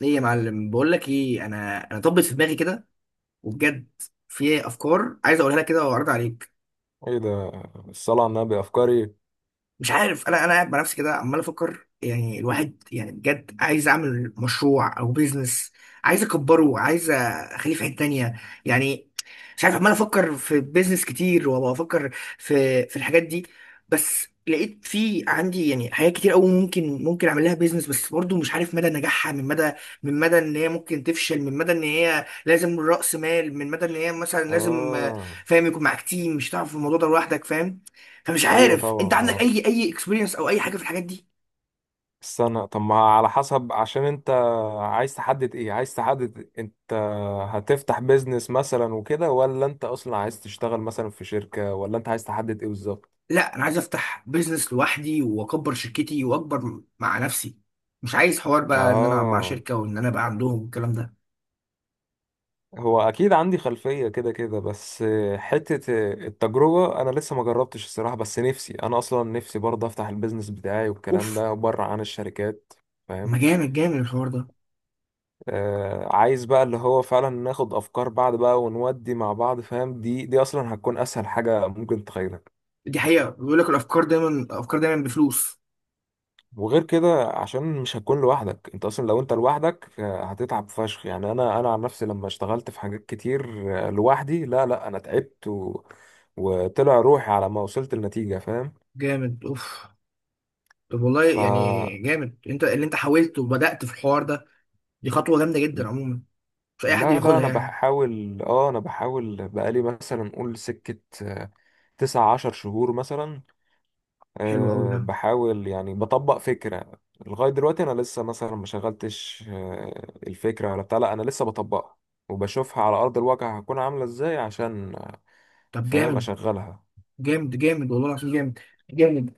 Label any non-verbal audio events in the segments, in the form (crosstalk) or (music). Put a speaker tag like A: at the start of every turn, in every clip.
A: ليه يا معلم؟ بقول لك ايه، انا طبت في دماغي كده وبجد. في افكار عايز اقولها لك كده واعرض عليك.
B: ايه ده؟ الصلاة على النبي افكاري.
A: مش عارف، انا قاعد مع نفسي كده عمال افكر، يعني الواحد يعني بجد عايز اعمل مشروع او بيزنس، عايز اكبره، عايز اخليه في حته تانية يعني. مش عارف، عمال افكر في بيزنس كتير وافكر في الحاجات دي. بس لقيت في عندي يعني حاجات كتير قوي ممكن اعمل لها بيزنس، بس برضو مش عارف مدى نجاحها، من مدى ان هي ممكن تفشل، من مدى ان هي لازم رأس مال، من مدى ان هي مثلا لازم،
B: اه
A: فاهم، يكون معاك تيم. مش هتعرف في الموضوع ده لوحدك، فاهم. فمش
B: ايوه،
A: عارف
B: طبعا
A: انت عندك
B: طبعا.
A: اي اكسبيرينس او اي حاجه في الحاجات دي.
B: استنى، طب ما على حسب، عشان انت عايز تحدد ايه، عايز تحدد انت هتفتح بيزنس مثلا وكده، ولا انت اصلا عايز تشتغل مثلا في شركة، ولا انت عايز تحدد ايه بالظبط؟
A: لا انا عايز افتح بيزنس لوحدي واكبر شركتي واكبر مع نفسي، مش عايز حوار بقى ان انا مع
B: اه
A: شركه وان انا بقى عندهم الكلام ده.
B: هو اكيد عندي خلفية كده كده، بس حتة التجربة، انا لسه ما جربتش الصراحة، بس نفسي، انا اصلا نفسي برضه افتح البيزنس بتاعي والكلام
A: اوف،
B: ده بره عن الشركات،
A: ما
B: فاهم؟
A: جامد جامد الحوار ده.
B: عايز بقى اللي هو فعلا ناخد افكار بعض بقى، ونودي مع بعض، فاهم؟ دي اصلا هتكون اسهل حاجه ممكن تخيلك.
A: دي حقيقه، بيقول لك الافكار دايما، الافكار دايما بفلوس.
B: وغير كده عشان مش هتكون لوحدك، انت اصلا لو انت لوحدك هتتعب فشخ، يعني انا عن نفسي لما اشتغلت في حاجات كتير لوحدي، لا لا انا تعبت وطلع روحي على ما وصلت النتيجه، فاهم؟
A: جامد، اوف. طب والله
B: ف
A: يعني جامد انت اللي انت حاولت وبدات في الحوار ده. دي خطوه جامده جدا عموما، مش اي حد
B: لا لا
A: بياخدها
B: انا
A: يعني.
B: بحاول، بقالي مثلا قول سكه 19 شهر مثلا.
A: حلو قوي ده.
B: بحاول يعني بطبق فكرة. لغاية دلوقتي أنا لسه مثلا ما شغلتش الفكرة ولا بتاع، لا أنا لسه بطبقها وبشوفها على أرض الواقع هتكون عاملة إزاي، عشان
A: طب
B: فاهم
A: جامد،
B: أشغلها.
A: جامد جامد والله العظيم، جامد جامد.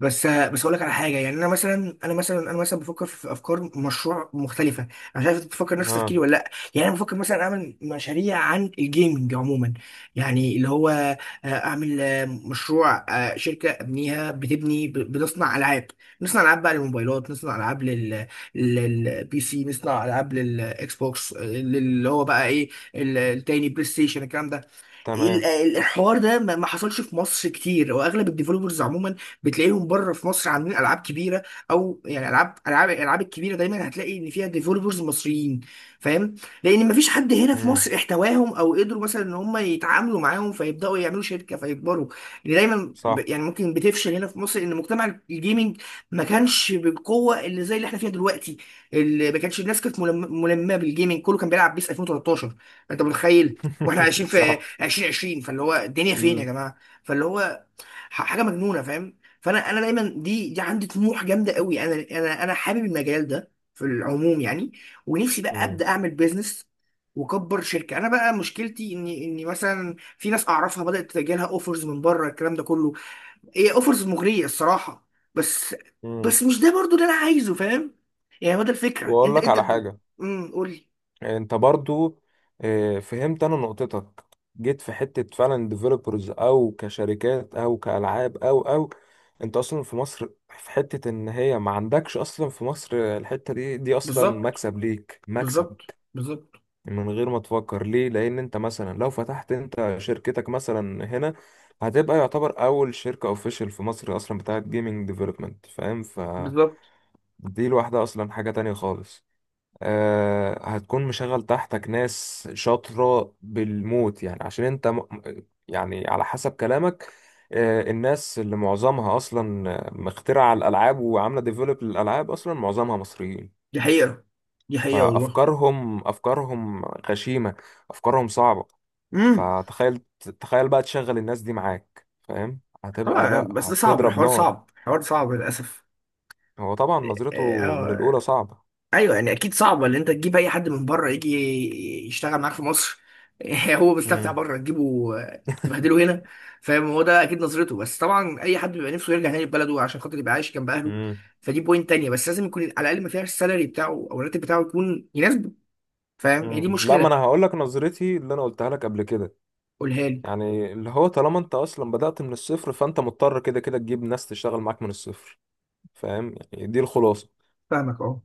A: بس اقول لك على حاجه. يعني انا مثلا بفكر في افكار مشروع مختلفه. انا مش عارف انت بتفكر نفس
B: ها.
A: تفكيري ولا لا. يعني انا بفكر مثلا اعمل مشاريع عن الجيمنج عموما. يعني اللي هو، اعمل مشروع، شركه ابنيها بتبني، بتصنع العاب. نصنع العاب بقى للموبايلات، نصنع العاب لل، سي، نصنع العاب للاكس بوكس. اللي هو بقى ايه، التاني، بلاي ستيشن الكلام ده.
B: تمام.
A: الحوار ده ما حصلش في مصر كتير. واغلب الديفلوبرز عموما بتلاقيهم بره في مصر عاملين العاب كبيره. او يعني العاب، الالعاب الكبيره دايما هتلاقي ان فيها ديفلوبرز مصريين، فاهم. لان ما فيش حد هنا في
B: مم.
A: مصر احتواهم او قدروا مثلا ان هم يتعاملوا معاهم فيبداوا يعملوا شركه فيكبروا. اللي دايما
B: صح.
A: يعني ممكن بتفشل هنا في مصر، ان مجتمع الجيمنج ما كانش بالقوه اللي زي اللي احنا فيها دلوقتي. اللي ما كانش الناس كانت ملمه بالجيمنج، كله كان بيلعب بيس 2013. انت متخيل؟ واحنا عايشين
B: (laughs)
A: في
B: صح.
A: 2020. فاللي هو الدنيا فين يا
B: مم.
A: جماعه. فاللي هو حاجه مجنونه، فاهم. فانا دايما، دي عندي طموح جامده قوي. انا حابب المجال ده في العموم يعني، ونفسي بقى
B: مم.
A: ابدا اعمل بيزنس واكبر شركه. انا بقى مشكلتي اني مثلا في ناس اعرفها بدات تجيلها اوفرز من بره، الكلام ده كله. هي اوفرز مغريه الصراحه، بس
B: مم.
A: بس مش ده برضو اللي انا عايزه، فاهم. يعني هو ده الفكره.
B: وأقول
A: انت
B: لك
A: انت
B: على
A: ب...
B: حاجة.
A: قول لي.
B: انت برضو فهمت انا نقطتك. جيت في حتة فعلا ديفلوبرز او كشركات او كالعاب او انت اصلا في مصر، في حتة ان هي ما عندكش اصلا في مصر، الحتة دي اصلا
A: بالظبط،
B: مكسب ليك، مكسب
A: بالظبط، بالظبط،
B: من غير ما تفكر ليه. لان انت مثلا لو فتحت انت شركتك مثلا هنا، هتبقى يعتبر اول شركة اوفيشال في مصر اصلا بتاعت جيمنج ديفلوبمنت، فاهم؟ فدي
A: بالظبط.
B: لوحدها اصلا حاجة تانية خالص. هتكون مشغل تحتك ناس شاطرة بالموت، يعني عشان انت يعني على حسب كلامك، الناس اللي معظمها اصلا مخترعة الالعاب وعاملة ديفلوب للالعاب، اصلا معظمها مصريين.
A: دي حقيقة، دي حقيقة والله.
B: فافكارهم غشيمة، افكارهم صعبة.
A: امم
B: فتخيل، تخيل بقى تشغل الناس دي معاك، فاهم؟ هتبقى،
A: طبعا،
B: لا،
A: بس ده صعب،
B: هتضرب
A: الحوار
B: نار.
A: صعب، الحوار صعب للأسف.
B: هو طبعا
A: إيه،
B: نظرته من الاولى
A: آه
B: صعبة.
A: أيوه، يعني أكيد صعب إن أنت تجيب أي حد من بره يجي يشتغل معاك في مصر. (laughs) هو مستمتع
B: مم.
A: بره، تجيبه تبهدله هنا، فاهم. هو ده أكيد نظرته، بس طبعا أي حد بيبقى نفسه يرجع تاني لبلده، عشان خاطر يبقى عايش جنب أهله.
B: مم.
A: فدي بوينت تانية، بس لازم يكون على الأقل ما فيهاش السالري بتاعه أو الراتب بتاعه يكون يناسبه، فاهم. هي دي
B: مم. لا، ما انا
A: مشكلة.
B: هقول لك نظرتي اللي انا قلتها لك قبل كده.
A: قولها لي.
B: يعني اللي هو طالما انت اصلا بدأت من الصفر، فانت مضطر كده كده تجيب ناس تشتغل معاك من الصفر، فاهم؟ يعني دي الخلاصه.
A: فاهمك، أه.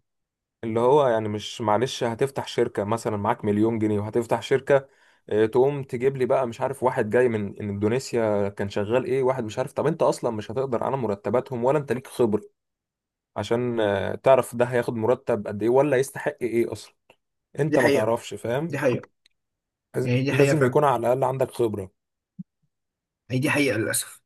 B: اللي هو يعني مش معلش، هتفتح شركه مثلا معاك 1,000,000 جنيه وهتفتح شركه، تقوم تجيب لي بقى مش عارف واحد جاي من اندونيسيا كان شغال ايه، واحد مش عارف، طب انت اصلا مش هتقدر على مرتباتهم، ولا انت ليك خبره عشان تعرف ده هياخد مرتب قد ايه، ولا يستحق ايه اصلا. انت
A: دي
B: ما
A: حقيقة،
B: تعرفش، فاهم؟
A: دي حقيقة، يعني دي حقيقة،
B: لازم
A: فاهم.
B: يكون على الاقل عندك خبره.
A: هي دي حقيقة للأسف.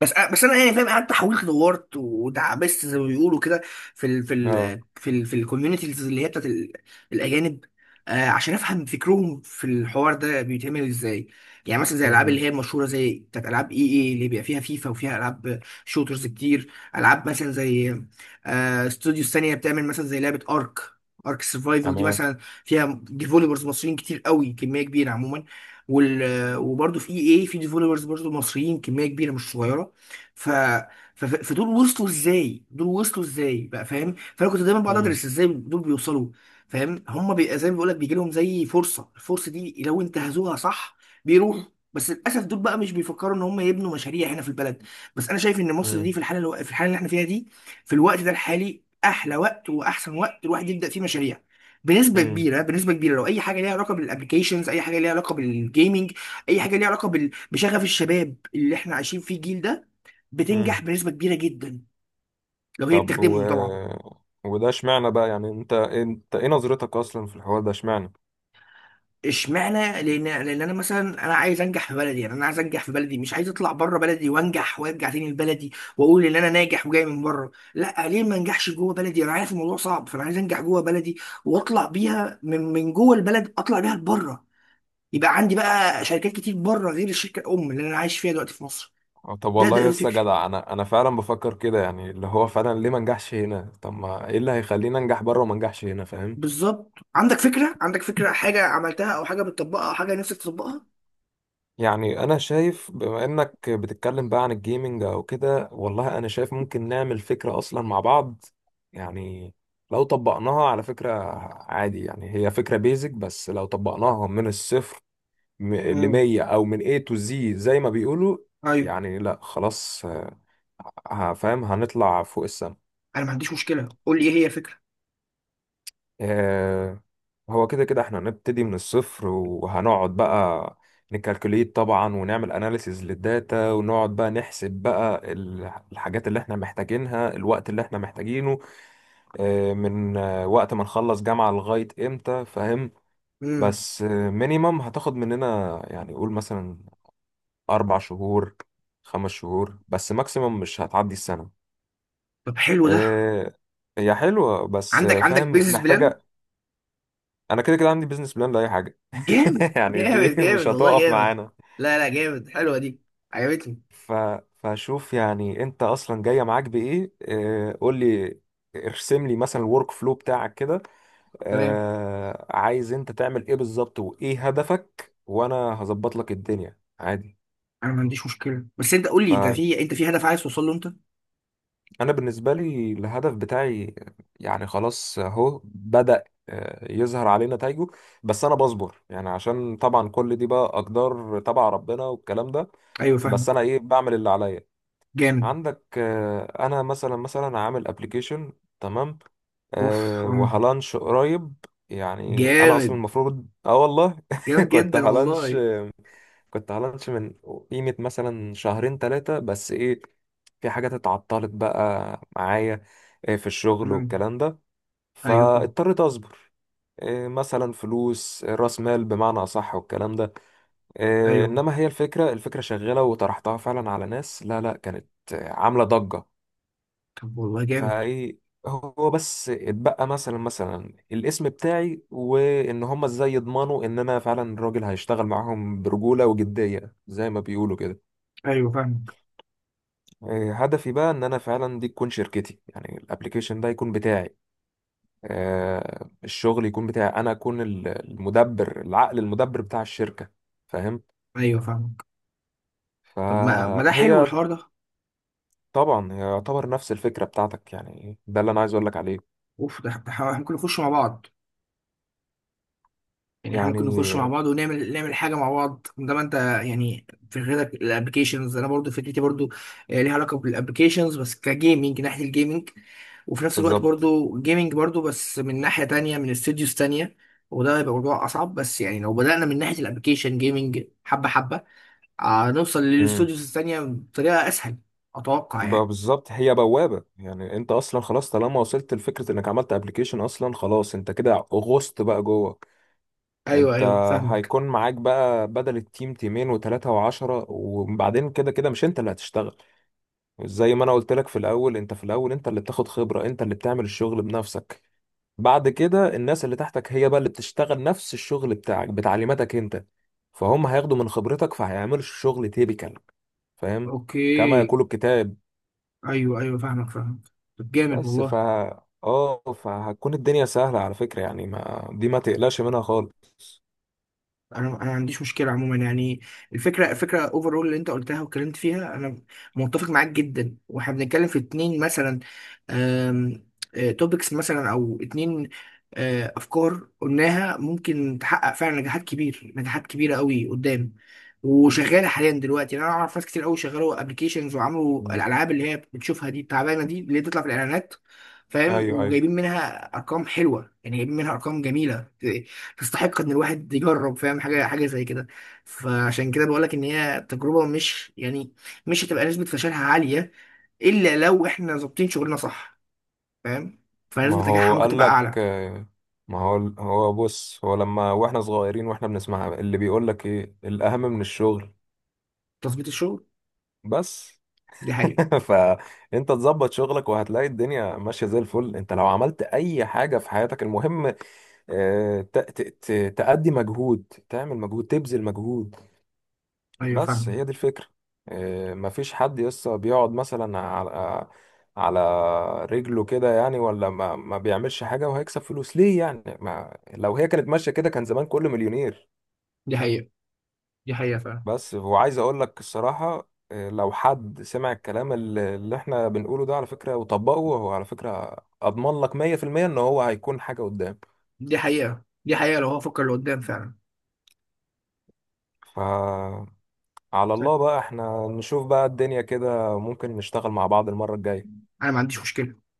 A: بس انا يعني، فاهم، قعدت حاولت دورت ودعبست زي ما بيقولوا كده،
B: اه.
A: في الكوميونيتيز اللي هي بتاعت الاجانب، عشان افهم فكرهم في الحوار ده بيتعمل ازاي. يعني مثلا زي الالعاب اللي
B: مهم.
A: هي المشهوره، زي بتاعت العاب اي اي، اللي بيبقى فيها فيفا وفيها العاب شوترز كتير. العاب مثلا زي، استوديوز ثانيه بتعمل مثلا زي لعبه، ارك سرفايفل دي
B: تمام.
A: مثلا، فيها ديفولبرز مصريين كتير قوي، كميه كبيره عموما. وال وبرضه في اي اي في ديفولبرز برضه مصريين كميه كبيره مش صغيره. ف... فدول وصلوا ازاي، دول وصلوا ازاي بقى، فاهم. فانا كنت دايما بقعد
B: مم.
A: ادرس ازاي دول بيوصلوا، فاهم. زي ما بيقول لك بيجي لهم زي فرصه، الفرصه دي لو انتهزوها صح بيروحوا. بس للاسف دول بقى مش بيفكروا ان هم يبنوا مشاريع هنا في البلد. بس انا شايف ان مصر
B: مم.
A: دي في الحاله اللي احنا فيها دي، في الوقت ده الحالي احلى وقت واحسن وقت الواحد يبدا فيه مشاريع. بنسبه
B: مم.
A: كبيره، بنسبه كبيره لو اي حاجه ليها علاقه بالابلكيشنز، اي حاجه ليها علاقه بالجيمنج، اي حاجه ليها علاقه بشغف الشباب اللي احنا عايشين فيه، الجيل ده، بتنجح
B: مم.
A: بنسبه كبيره جدا، لو هي
B: طب
A: بتخدمهم طبعا.
B: وده اشمعنى بقى؟ يعني انت ايه نظرتك اصلا في الحوار ده، اشمعنى؟
A: اشمعنى؟ لان انا عايز انجح في بلدي. يعني انا عايز انجح في بلدي، مش عايز اطلع بره بلدي وانجح وارجع تاني لبلدي واقول ان انا ناجح وجاي من بره. لا، ليه ما انجحش جوه بلدي؟ انا عارف الموضوع صعب، فانا عايز انجح جوه بلدي واطلع بيها من جوه البلد، اطلع بيها لبره، يبقى عندي بقى شركات كتير بره غير الشركه الام اللي انا عايش فيها دلوقتي في مصر.
B: أو، طب
A: ده
B: والله
A: ده
B: يا
A: ده
B: اسطى
A: فكري.
B: جدع، انا فعلا بفكر كده. يعني اللي هو فعلا، ليه ما نجحش هنا؟ طب ما ايه اللي هيخليني انجح بره وما نجحش هنا، فاهم؟
A: بالظبط، عندك فكره، عندك فكره، حاجه عملتها او حاجه بتطبقها او حاجه نفسك تطبقها؟
B: يعني انا شايف بما انك بتتكلم بقى عن الجيمنج او كده، والله انا شايف ممكن نعمل فكرة اصلا مع بعض، يعني لو طبقناها على فكرة عادي، يعني هي فكرة بيزك، بس لو طبقناها من الصفر
A: امم
B: لمية أو من A to Z زي ما بيقولوا،
A: ايوه،
B: يعني لا خلاص، هفهم هنطلع فوق السما.
A: انا ما عنديش مشكله، قول لي ايه هي الفكره.
B: آه، هو كده كده احنا هنبتدي من الصفر، وهنقعد بقى نكالكوليت طبعا، ونعمل اناليسيز للداتا، ونقعد بقى نحسب بقى الحاجات اللي احنا محتاجينها، الوقت اللي احنا محتاجينه، من وقت ما نخلص جامعة لغاية امتى، فاهم؟
A: امم
B: بس مينيمم هتاخد مننا، يعني قول مثلا أربع شهور، خمس شهور، بس ماكسيموم مش هتعدي السنة.
A: طب حلو ده.
B: إيه. هي حلوة، بس
A: عندك
B: فاهم
A: بيزنس بلان؟
B: محتاجة. أنا كده كده عندي بيزنس بلان لأي حاجة.
A: جامد،
B: (laughs) يعني دي
A: جامد
B: مش
A: جامد والله،
B: هتقف
A: جامد.
B: معانا.
A: لا لا، جامد، حلوه دي، عجبتني.
B: ف... فشوف، يعني أنت أصلا جاية معاك بإيه، إيه قول لي، ارسم لي مثلا الورك فلو بتاعك كده.
A: تمام،
B: عايز أنت تعمل إيه بالظبط، وإيه هدفك؟ وأنا هظبط لك الدنيا عادي.
A: انا ما عنديش مشكله. بس انت قول
B: ف
A: لي، انت في، انت في هدف عايز توصل له انت؟
B: انا بالنسبه لي الهدف بتاعي، يعني خلاص اهو بدأ يظهر عليه نتائجه، بس انا بصبر يعني، عشان طبعا كل دي بقى اقدار تبع ربنا والكلام ده،
A: ايوه،
B: بس
A: فاهمك.
B: انا ايه، بعمل اللي عليا.
A: جامد،
B: عندك انا مثلا عامل ابلكيشن. تمام.
A: اوف، اه،
B: وهلانش قريب، يعني انا اصلا
A: جامد،
B: المفروض والله
A: جامد
B: (laughs) كنت
A: جدا
B: هلانش،
A: والله.
B: كنت على لانش من قيمة مثلا شهرين ثلاثة، بس ايه، في حاجات اتعطلت بقى معايا، إيه، في الشغل
A: امم
B: والكلام ده،
A: ايوه، فاهم.
B: فاضطريت اصبر، إيه، مثلا فلوس، إيه، راس مال بمعنى اصح والكلام ده، إيه،
A: ايوه،
B: انما هي الفكرة، شغالة وطرحتها فعلا على ناس، لا لا كانت عاملة ضجة.
A: طب والله جامد.
B: فايه. هو بس اتبقى مثلا الاسم بتاعي، وان هم ازاي يضمنوا ان انا فعلا الراجل هيشتغل معاهم برجولة وجدية زي ما بيقولوا كده.
A: ايوه، فاهمك.
B: إيه، هدفي بقى ان انا فعلا دي تكون شركتي، يعني الابليكيشن ده يكون بتاعي، الشغل يكون بتاعي، انا اكون المدبر، العقل المدبر بتاع الشركة، فاهم؟
A: ايوه، فاهمك. طب، ما ده حلو
B: فهي
A: الحوار ده.
B: طبعا هي يعتبر نفس الفكرة بتاعتك، يعني ده اللي انا عايز اقول لك عليه.
A: اوف، ممكن نخش مع بعض. يعني احنا ممكن
B: يعني
A: نخش مع بعض ونعمل، نعمل حاجه مع بعض. ده ما انت يعني. في غيرك، الابلكيشنز انا برضو فكرتي برضو، ليها علاقه بالابلكيشنز بس كجيمنج، ناحيه الجيمنج. وفي نفس الوقت
B: بالظبط.
A: برضو جيمنج برضو، بس من ناحيه تانية، من استوديوز تانية. وده هيبقى موضوع اصعب، بس يعني لو بدانا من ناحيه الابلكيشن جيمنج حبه حبه، هنوصل
B: امم
A: للاستوديوز التانية بطريقه اسهل، اتوقع يعني.
B: بالظبط. هي بوابة، يعني انت اصلا خلاص طالما وصلت لفكرة انك عملت ابليكيشن اصلا، خلاص، انت كده غصت بقى جوه.
A: ايوه،
B: انت
A: ايوه، فاهمك.
B: هيكون معاك بقى بدل التيم تيمين وتلاتة وعشرة، وبعدين كده كده مش انت اللي هتشتغل، زي ما انا قلت لك في الاول، انت في الاول انت اللي بتاخد خبرة، انت اللي بتعمل الشغل بنفسك، بعد كده الناس اللي تحتك هي بقى اللي بتشتغل نفس الشغل بتاعك بتعليماتك انت، فهم هياخدوا من خبرتك، فهيعملوا الشغل تيبيكال، فاهم؟ كما
A: اوكي.
B: يقول الكتاب.
A: ايوه، ايوه، فاهمك، فاهمك. طب جامد
B: بس
A: والله.
B: اه فهتكون الدنيا سهلة على فكرة، يعني ما دي ما تقلقش منها خالص.
A: انا ما عنديش مشكله عموما يعني. الفكره اوفرول اللي انت قلتها واتكلمت فيها، انا متفق معاك جدا. واحنا بنتكلم في اتنين مثلا توبكس مثلا، او اتنين، افكار قلناها، ممكن تحقق فعلا نجاحات كبيره قوي قدام، وشغاله حاليا دلوقتي يعني. انا اعرف ناس كتير قوي شغالوا ابلكيشنز وعملوا
B: مم.
A: الالعاب اللي هي بتشوفها دي التعبانه دي اللي بتطلع في الاعلانات، فاهم.
B: ايوه، ايوه.
A: وجايبين منها ارقام حلوه، يعني جايبين منها ارقام جميله، تستحق ان الواحد يجرب، فاهم، حاجه حاجه زي كده. فعشان كده بقول لك ان هي تجربه، مش يعني مش هتبقى نسبه فشلها عاليه، الا لو احنا ظابطين شغلنا صح، فاهم.
B: ما
A: فنسبه نجاحها
B: هو
A: ممكن
B: قال
A: تبقى
B: لك
A: اعلى.
B: ما هو بص، هو لما واحنا صغيرين واحنا بنسمع اللي بيقول لك ايه الاهم من الشغل،
A: تظبيط الشغل،
B: بس.
A: دي حقيقه.
B: (laughs) فانت تظبط شغلك وهتلاقي الدنيا ماشيه زي الفل. انت لو عملت اي حاجه في حياتك المهم تأدي مجهود، تعمل مجهود، تبذل مجهود.
A: ايوه،
B: بس
A: فاهم.
B: هي دي الفكرة. إيه، مفيش حد يسطا بيقعد مثلا على على رجله كده، يعني، ولا ما بيعملش حاجة وهيكسب فلوس، ليه يعني؟ ما لو هي كانت ماشية كده كان زمان كله مليونير.
A: دي حقيقه، دي حقيقه فعلا.
B: بس وعايز اقول لك الصراحة، إيه، لو حد سمع الكلام اللي احنا بنقوله ده، على فكرة، وطبقه هو، على فكرة اضمن لك 100% ان هو هيكون حاجة قدام.
A: دي حقيقه، دي حقيقه، لو هو فكر لقدام فعلا.
B: ف على الله بقى، احنا نشوف بقى الدنيا، كده ممكن نشتغل مع بعض المرة الجاية.
A: انا ما عنديش مشكله